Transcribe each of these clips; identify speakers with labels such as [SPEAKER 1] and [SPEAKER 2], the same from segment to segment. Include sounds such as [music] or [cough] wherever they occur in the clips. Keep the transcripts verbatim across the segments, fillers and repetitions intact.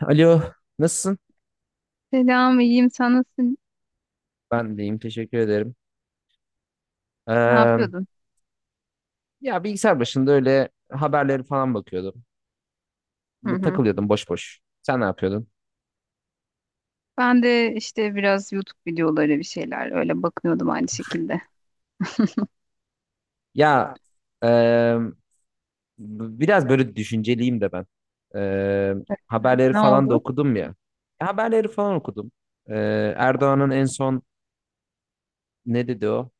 [SPEAKER 1] Alo, nasılsın?
[SPEAKER 2] Selam, iyiyim. Sen nasılsın?
[SPEAKER 1] Ben deyim, teşekkür ederim.
[SPEAKER 2] Ne
[SPEAKER 1] Ee,
[SPEAKER 2] yapıyordun?
[SPEAKER 1] ya bilgisayar başında öyle haberleri falan bakıyordum.
[SPEAKER 2] Hı hı.
[SPEAKER 1] Takılıyordum boş boş. Sen ne yapıyordun?
[SPEAKER 2] Ben de işte biraz YouTube videoları bir şeyler öyle bakınıyordum aynı şekilde.
[SPEAKER 1] Ya e, biraz böyle düşünceliyim de ben. Ee,
[SPEAKER 2] Öyle mi?
[SPEAKER 1] haberleri
[SPEAKER 2] Ne
[SPEAKER 1] falan da
[SPEAKER 2] oldu?
[SPEAKER 1] okudum ya. E, Haberleri falan okudum. Ee, Erdoğan'ın en son ne dedi o?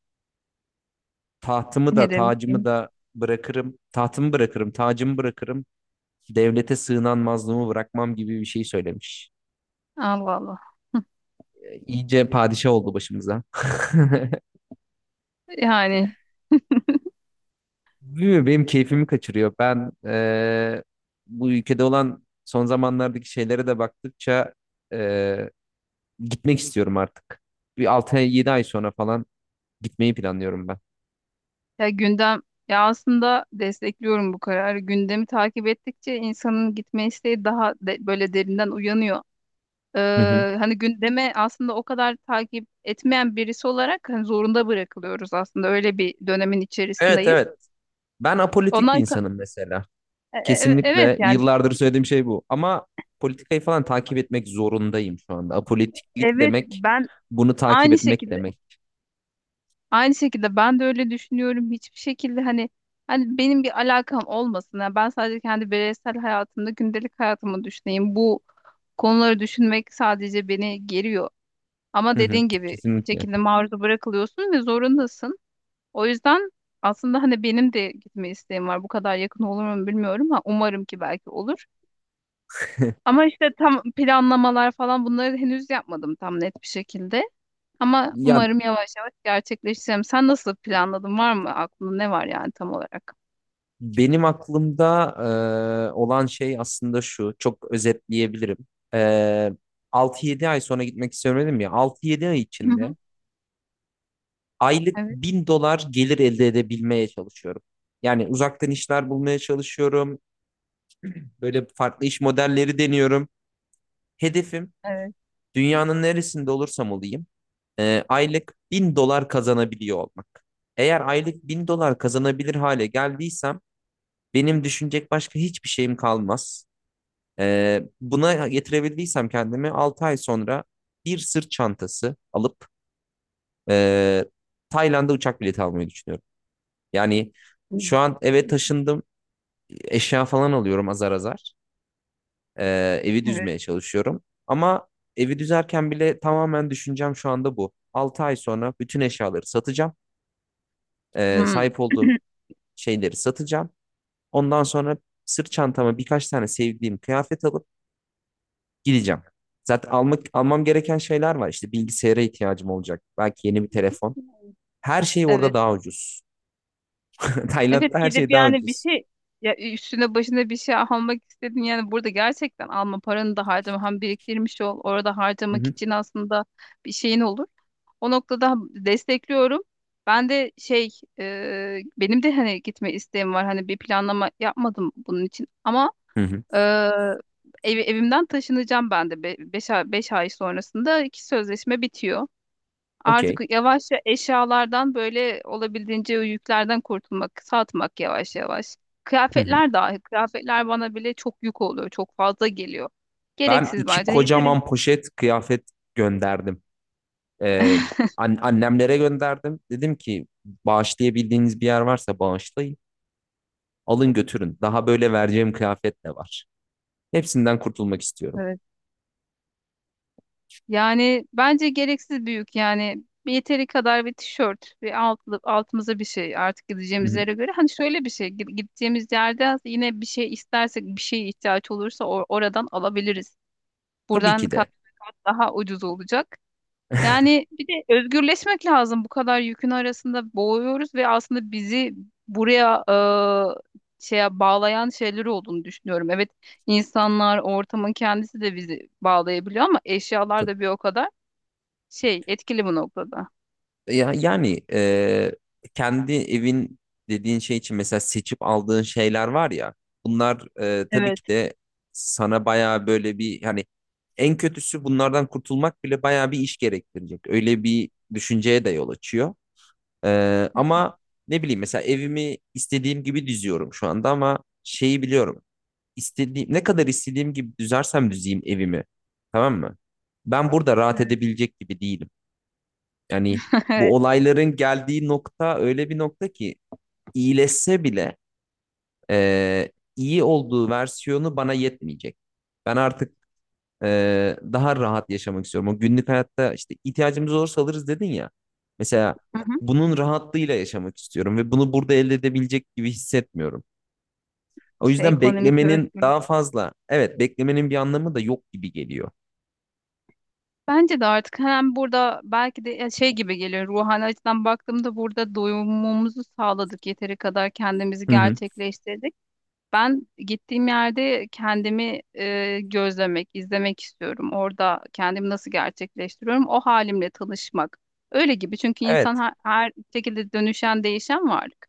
[SPEAKER 1] Tahtımı da
[SPEAKER 2] Ne
[SPEAKER 1] tacımı
[SPEAKER 2] demiştin?
[SPEAKER 1] da bırakırım. Tahtımı bırakırım, tacımı bırakırım. Devlete sığınan mazlumu bırakmam gibi bir şey söylemiş.
[SPEAKER 2] Allah Allah.
[SPEAKER 1] İyice padişah oldu başımıza. [laughs]
[SPEAKER 2] Yani
[SPEAKER 1] Bilmiyorum, benim keyfimi kaçırıyor. Ben eee, bu ülkede olan son zamanlardaki şeylere de baktıkça eee, gitmek istiyorum artık. Bir altı ay, yedi ay sonra falan gitmeyi planlıyorum ben.
[SPEAKER 2] ya gündem ya aslında destekliyorum bu kararı. Gündemi takip ettikçe insanın gitme isteği daha de- böyle derinden uyanıyor.
[SPEAKER 1] Hı hı.
[SPEAKER 2] Ee, hani gündeme aslında o kadar takip etmeyen birisi olarak hani zorunda bırakılıyoruz aslında. Öyle bir dönemin
[SPEAKER 1] Evet,
[SPEAKER 2] içerisindeyiz.
[SPEAKER 1] evet. Ben apolitik bir
[SPEAKER 2] Ondan.
[SPEAKER 1] insanım mesela.
[SPEAKER 2] E- e- e, Evet,
[SPEAKER 1] Kesinlikle
[SPEAKER 2] yani
[SPEAKER 1] yıllardır söylediğim şey bu. Ama politikayı falan takip etmek zorundayım şu anda. Apolitiklik
[SPEAKER 2] evet,
[SPEAKER 1] demek
[SPEAKER 2] ben
[SPEAKER 1] bunu takip
[SPEAKER 2] aynı
[SPEAKER 1] etmek
[SPEAKER 2] şekilde
[SPEAKER 1] demek.
[SPEAKER 2] aynı şekilde ben de öyle düşünüyorum. Hiçbir şekilde hani hani benim bir alakam olmasın. Yani ben sadece kendi bireysel hayatımda gündelik hayatımı düşüneyim. Bu konuları düşünmek sadece beni geriyor. Ama
[SPEAKER 1] Hı hı,
[SPEAKER 2] dediğin gibi bir
[SPEAKER 1] kesinlikle.
[SPEAKER 2] şekilde maruz bırakılıyorsun ve zorundasın. O yüzden aslında hani benim de gitme isteğim var. Bu kadar yakın olur mu bilmiyorum ama umarım ki belki olur. Ama işte tam planlamalar falan bunları henüz yapmadım tam net bir şekilde. Ama
[SPEAKER 1] Ya
[SPEAKER 2] umarım yavaş yavaş gerçekleşeceğim. Sen nasıl planladın? Var mı aklında, ne var yani tam olarak?
[SPEAKER 1] benim aklımda e, olan şey aslında şu. Çok özetleyebilirim. E, altı yedi ay sonra gitmek istiyorum dedim ya. Altı yedi ay
[SPEAKER 2] Hı hı.
[SPEAKER 1] içinde aylık
[SPEAKER 2] Evet.
[SPEAKER 1] bin dolar gelir elde edebilmeye çalışıyorum. Yani uzaktan işler bulmaya çalışıyorum. Böyle farklı iş modelleri deniyorum. Hedefim
[SPEAKER 2] Evet.
[SPEAKER 1] dünyanın neresinde olursam olayım e, aylık bin dolar kazanabiliyor olmak. Eğer aylık bin dolar kazanabilir hale geldiysem benim düşünecek başka hiçbir şeyim kalmaz. E, buna getirebildiysem kendimi altı ay sonra bir sırt çantası alıp e, Tayland'a uçak bileti almayı düşünüyorum. Yani
[SPEAKER 2] Hı.
[SPEAKER 1] şu an eve taşındım. Eşya falan alıyorum azar azar. Ee, evi
[SPEAKER 2] Evet.
[SPEAKER 1] düzmeye çalışıyorum. Ama evi düzerken bile tamamen düşüncem şu anda bu. Altı ay sonra bütün eşyaları satacağım. Ee,
[SPEAKER 2] Hı.
[SPEAKER 1] sahip olduğum şeyleri satacağım. Ondan sonra sırt çantama birkaç tane sevdiğim kıyafet alıp gideceğim. Zaten almak almam gereken şeyler var. İşte bilgisayara ihtiyacım olacak. Belki yeni bir telefon.
[SPEAKER 2] [clears throat]
[SPEAKER 1] Her şey orada
[SPEAKER 2] Evet.
[SPEAKER 1] daha ucuz. [laughs] Tayland'da
[SPEAKER 2] Evet,
[SPEAKER 1] her
[SPEAKER 2] gidip
[SPEAKER 1] şey daha
[SPEAKER 2] yani bir
[SPEAKER 1] ucuz.
[SPEAKER 2] şey, ya üstüne başına bir şey almak istedin yani, burada gerçekten alma, paranı da harcama, hem biriktirmiş ol orada
[SPEAKER 1] Hı
[SPEAKER 2] harcamak
[SPEAKER 1] hı.
[SPEAKER 2] için, aslında bir şeyin olur. O noktada destekliyorum. Ben de şey e, benim de hani gitme isteğim var, hani bir planlama yapmadım bunun için ama
[SPEAKER 1] Hı hı.
[SPEAKER 2] Ee, ev- evimden taşınacağım ben de. Be beş ay, beş ay sonrasında iki sözleşme bitiyor.
[SPEAKER 1] Okey.
[SPEAKER 2] Artık yavaşça eşyalardan böyle olabildiğince o yüklerden kurtulmak, satmak, yavaş yavaş.
[SPEAKER 1] Hı hı.
[SPEAKER 2] Kıyafetler dahi, kıyafetler bana bile çok yük oluyor, çok fazla geliyor.
[SPEAKER 1] Ben
[SPEAKER 2] Gereksiz
[SPEAKER 1] iki
[SPEAKER 2] bence. Yeterince.
[SPEAKER 1] kocaman poşet kıyafet gönderdim. Ee, an- annemlere gönderdim. Dedim ki bağışlayabildiğiniz bir yer varsa bağışlayın. Alın götürün. Daha böyle vereceğim kıyafet de var. Hepsinden kurtulmak istiyorum.
[SPEAKER 2] Yani bence gereksiz büyük, yani bir yeteri kadar bir tişört ve altlı, altımıza bir şey artık,
[SPEAKER 1] Hı
[SPEAKER 2] gideceğimiz
[SPEAKER 1] hı.
[SPEAKER 2] yere göre. Hani şöyle bir şey, gi- gideceğimiz yerde aslında yine bir şey istersek, bir şeye ihtiyaç olursa or- oradan alabiliriz.
[SPEAKER 1] Tabii
[SPEAKER 2] Buradan
[SPEAKER 1] ki de.
[SPEAKER 2] kat be kat daha ucuz olacak.
[SPEAKER 1] [laughs]
[SPEAKER 2] Yani bir de özgürleşmek lazım, bu kadar yükün arasında boğuyoruz ve aslında bizi buraya, e, şeye bağlayan şeyler olduğunu düşünüyorum. Evet, insanlar, ortamın kendisi de bizi bağlayabiliyor ama eşyalar
[SPEAKER 1] Tab-
[SPEAKER 2] da bir o kadar şey etkili bu noktada.
[SPEAKER 1] Ya, yani e, kendi evin dediğin şey için mesela seçip aldığın şeyler var ya. Bunlar e, tabii
[SPEAKER 2] Evet.
[SPEAKER 1] ki de sana bayağı böyle bir hani en kötüsü bunlardan kurtulmak bile bayağı bir iş gerektirecek. Öyle bir düşünceye de yol açıyor. Ee,
[SPEAKER 2] Hı.
[SPEAKER 1] ama ne bileyim mesela evimi istediğim gibi düzüyorum şu anda ama şeyi biliyorum. İstediğim, ne kadar istediğim gibi düzersem düzeyim evimi. Tamam mı? Ben burada rahat
[SPEAKER 2] Evet.
[SPEAKER 1] edebilecek gibi değilim. Yani
[SPEAKER 2] [laughs]
[SPEAKER 1] bu
[SPEAKER 2] Evet.
[SPEAKER 1] olayların geldiği nokta öyle bir nokta ki iyileşse bile e, iyi olduğu versiyonu bana yetmeyecek. Ben artık ee, daha rahat yaşamak istiyorum. O günlük hayatta işte ihtiyacımız olursa alırız dedin ya. Mesela
[SPEAKER 2] Hı hı.
[SPEAKER 1] bunun rahatlığıyla yaşamak istiyorum ve bunu burada elde edebilecek gibi hissetmiyorum. O
[SPEAKER 2] İşte
[SPEAKER 1] yüzden
[SPEAKER 2] ekonomik
[SPEAKER 1] beklemenin
[SPEAKER 2] özgürlük.
[SPEAKER 1] daha fazla, evet beklemenin bir anlamı da yok gibi geliyor.
[SPEAKER 2] Bence de artık hem burada belki de, ya şey gibi geliyor, ruhani açıdan baktığımda burada doyumumuzu sağladık, yeteri kadar kendimizi
[SPEAKER 1] Hı hı.
[SPEAKER 2] gerçekleştirdik. Ben gittiğim yerde kendimi e, gözlemek, izlemek istiyorum. Orada kendimi nasıl gerçekleştiriyorum, o halimle tanışmak. Öyle gibi, çünkü insan
[SPEAKER 1] Evet,
[SPEAKER 2] her, her şekilde dönüşen, değişen varlık.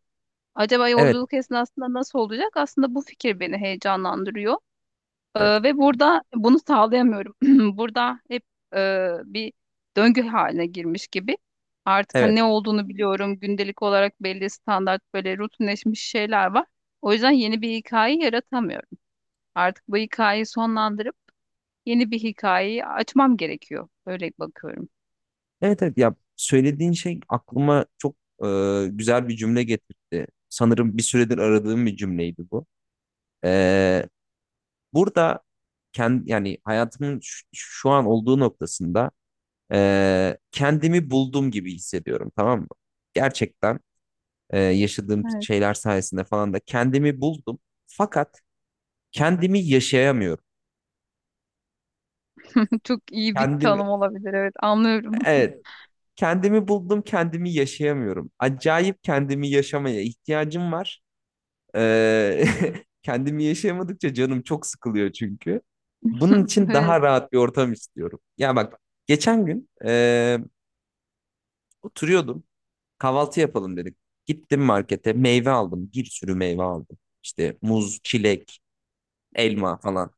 [SPEAKER 2] Acaba
[SPEAKER 1] evet,
[SPEAKER 2] yolculuk esnasında nasıl olacak? Aslında bu fikir beni heyecanlandırıyor.
[SPEAKER 1] evet,
[SPEAKER 2] Ee, ve burada bunu sağlayamıyorum. [clears throat] Burada hep e, bir döngü haline girmiş gibi. Artık hani
[SPEAKER 1] evet,
[SPEAKER 2] ne olduğunu biliyorum. Gündelik olarak belli standart böyle rutinleşmiş şeyler var. O yüzden yeni bir hikaye yaratamıyorum. Artık bu hikayeyi sonlandırıp yeni bir hikayeyi açmam gerekiyor. Öyle bakıyorum.
[SPEAKER 1] evet, evet. Ya söylediğin şey aklıma çok e, güzel bir cümle getirdi. Sanırım bir süredir aradığım bir cümleydi bu. Ee, Burada kendi yani hayatımın şu şu an olduğu noktasında e, kendimi buldum gibi hissediyorum, tamam mı? Gerçekten e, yaşadığım
[SPEAKER 2] Evet.
[SPEAKER 1] şeyler sayesinde falan da kendimi buldum. Fakat kendimi yaşayamıyorum.
[SPEAKER 2] [laughs] Çok iyi bir
[SPEAKER 1] Kendimi,
[SPEAKER 2] tanım olabilir. Evet, anlıyorum.
[SPEAKER 1] evet, kendimi buldum, kendimi yaşayamıyorum. Acayip kendimi yaşamaya ihtiyacım var. E, [laughs] Kendimi yaşayamadıkça canım çok sıkılıyor çünkü. Bunun
[SPEAKER 2] [laughs]
[SPEAKER 1] için
[SPEAKER 2] Evet,
[SPEAKER 1] daha rahat bir ortam istiyorum. Ya bak geçen gün e, oturuyordum. Kahvaltı yapalım dedik. Gittim markete meyve aldım. Bir sürü meyve aldım. İşte muz, çilek, elma falan.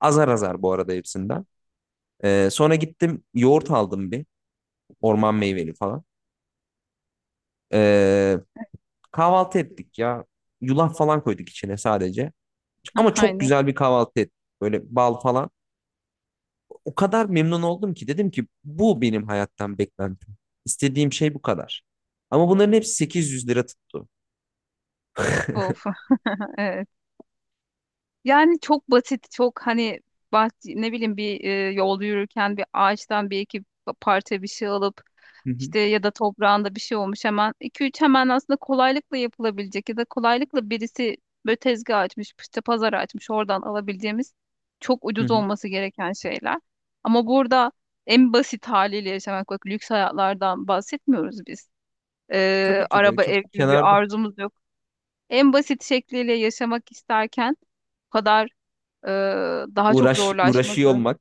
[SPEAKER 1] Azar azar bu arada hepsinden. Ee, sonra gittim yoğurt aldım bir. Orman meyveli falan. Ee, kahvaltı ettik ya. Yulaf falan koyduk içine sadece. Ama çok
[SPEAKER 2] aynen.
[SPEAKER 1] güzel bir kahvaltı ettik. Böyle bal falan. O kadar memnun oldum ki dedim ki bu benim hayattan beklentim. İstediğim şey bu kadar. Ama bunların hepsi 800 lira tuttu.
[SPEAKER 2] Of. [laughs] Evet. Yani çok basit, çok hani, bah ne bileyim, bir e, yolda yürürken bir ağaçtan bir iki pa- parça bir şey alıp,
[SPEAKER 1] Hı hı.
[SPEAKER 2] işte ya da toprağında bir şey olmuş hemen iki üç, hemen aslında kolaylıkla yapılabilecek ya da kolaylıkla birisi böyle tezgah açmış, işte pazar açmış, oradan alabileceğimiz çok
[SPEAKER 1] Hı
[SPEAKER 2] ucuz
[SPEAKER 1] hı.
[SPEAKER 2] olması gereken şeyler. Ama burada en basit haliyle yaşamak, bak lüks hayatlardan bahsetmiyoruz biz. Ee,
[SPEAKER 1] Tabii ki de
[SPEAKER 2] araba,
[SPEAKER 1] çok
[SPEAKER 2] ev gibi bir
[SPEAKER 1] kenarda.
[SPEAKER 2] arzumuz yok. En basit şekliyle yaşamak isterken kadar, e, daha çok
[SPEAKER 1] Uğraş uğraşıyor
[SPEAKER 2] zorlaşması.
[SPEAKER 1] olmak.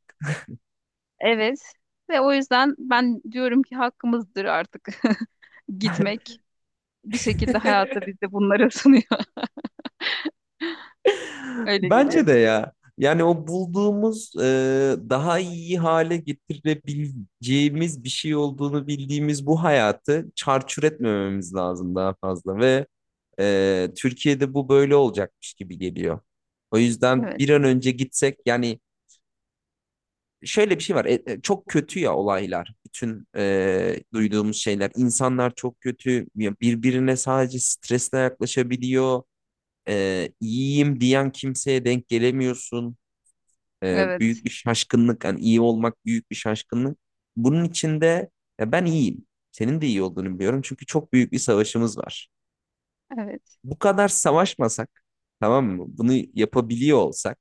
[SPEAKER 2] Evet. Ve o yüzden ben diyorum ki hakkımızdır artık [laughs] gitmek. Bir şekilde
[SPEAKER 1] [laughs]
[SPEAKER 2] hayatta bize bunları sunuyor. [laughs] Öyle
[SPEAKER 1] Bence
[SPEAKER 2] geliyor.
[SPEAKER 1] de ya. Yani o bulduğumuz e, daha iyi hale getirebileceğimiz bir şey olduğunu bildiğimiz bu hayatı çarçur etmememiz lazım daha fazla ve e, Türkiye'de bu böyle olacakmış gibi geliyor. O yüzden
[SPEAKER 2] Evet.
[SPEAKER 1] bir an önce gitsek yani şöyle bir şey var, e, e, çok kötü ya olaylar, bütün e, duyduğumuz şeyler, insanlar çok kötü. Ya birbirine sadece stresle yaklaşabiliyor, e, iyiyim diyen kimseye denk gelemiyorsun. E,
[SPEAKER 2] Evet.
[SPEAKER 1] büyük bir şaşkınlık. Yani iyi olmak büyük bir şaşkınlık. Bunun içinde ya ben iyiyim. Senin de iyi olduğunu biliyorum. Çünkü çok büyük bir savaşımız var.
[SPEAKER 2] Evet.
[SPEAKER 1] Bu kadar savaşmasak, tamam mı? Bunu yapabiliyor olsak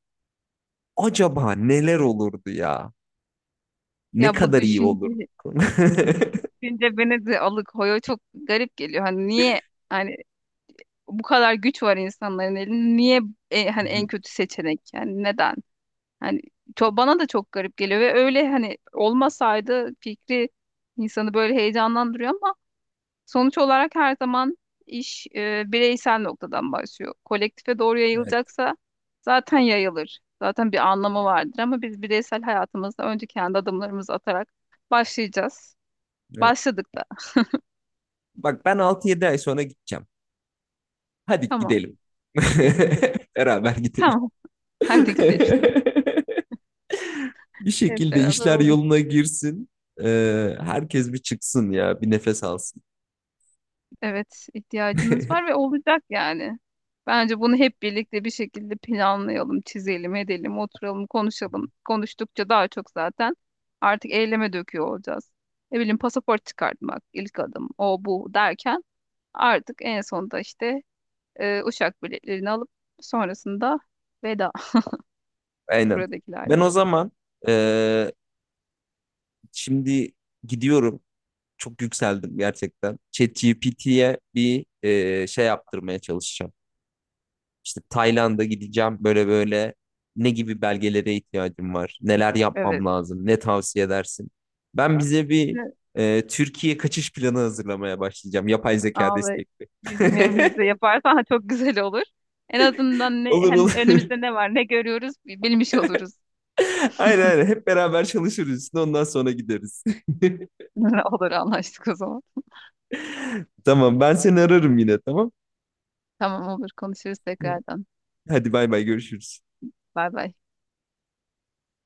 [SPEAKER 1] acaba neler olurdu ya? Ne
[SPEAKER 2] Ya bu
[SPEAKER 1] kadar iyi olurduk.
[SPEAKER 2] düşünce,
[SPEAKER 1] [laughs] Hı
[SPEAKER 2] düşünce beni de alıkoyuyor. Çok garip geliyor. Hani niye, hani bu kadar güç var insanların elinde. Niye e, hani en
[SPEAKER 1] hı.
[SPEAKER 2] kötü seçenek? Yani neden? Hani çok, bana da çok garip geliyor ve öyle hani olmasaydı fikri insanı böyle heyecanlandırıyor ama sonuç olarak her zaman iş e, bireysel noktadan başlıyor. Kolektife doğru
[SPEAKER 1] Evet.
[SPEAKER 2] yayılacaksa zaten yayılır. Zaten bir anlamı vardır ama biz bireysel hayatımızda önce kendi adımlarımızı atarak başlayacağız.
[SPEAKER 1] Evet.
[SPEAKER 2] Başladık da.
[SPEAKER 1] Bak ben altı yedi ay sonra gideceğim. Hadi
[SPEAKER 2] Tamam.
[SPEAKER 1] gidelim. [laughs] Beraber gidelim.
[SPEAKER 2] Tamam. [laughs] Hadi gidelim.
[SPEAKER 1] [laughs] Bir
[SPEAKER 2] Hep
[SPEAKER 1] şekilde
[SPEAKER 2] beraber
[SPEAKER 1] işler
[SPEAKER 2] olur.
[SPEAKER 1] yoluna girsin. Ee, herkes bir çıksın ya, bir nefes alsın.
[SPEAKER 2] Evet, ihtiyacımız var
[SPEAKER 1] [laughs]
[SPEAKER 2] ve olacak yani. Bence bunu hep birlikte bir şekilde planlayalım, çizelim, edelim, oturalım, konuşalım. Konuştukça daha çok zaten artık eyleme döküyor olacağız. Ne bileyim, pasaport çıkartmak ilk adım, o bu derken artık en sonunda işte, e, uçak biletlerini alıp sonrasında veda [laughs]
[SPEAKER 1] Aynen. Ben
[SPEAKER 2] buradakilerle.
[SPEAKER 1] o zaman ee, şimdi gidiyorum. Çok yükseldim gerçekten. ChatGPT'ye bir ee, şey yaptırmaya çalışacağım. İşte Tayland'a gideceğim. Böyle böyle ne gibi belgelere ihtiyacım var? Neler
[SPEAKER 2] Evet.
[SPEAKER 1] yapmam lazım? Ne tavsiye edersin? Ben bize bir
[SPEAKER 2] Ne-
[SPEAKER 1] ee, Türkiye kaçış planı hazırlamaya başlayacağım. Yapay zeka
[SPEAKER 2] Abi
[SPEAKER 1] destekli.
[SPEAKER 2] bizim yerimizde
[SPEAKER 1] [laughs]
[SPEAKER 2] yaparsan [laughs] çok güzel olur. En azından ne,
[SPEAKER 1] Olur
[SPEAKER 2] hani
[SPEAKER 1] olur.
[SPEAKER 2] önümüzde ne var, ne görüyoruz bilmiş oluruz.
[SPEAKER 1] [laughs] Aynen aynen. Hep beraber çalışırız üstüne ondan sonra gideriz. [laughs]
[SPEAKER 2] [laughs] Olur, anlaştık o zaman.
[SPEAKER 1] Tamam ben seni ararım yine tamam.
[SPEAKER 2] Tamam, olur, konuşuruz tekrardan.
[SPEAKER 1] Hadi bay bay görüşürüz.
[SPEAKER 2] Bay bay.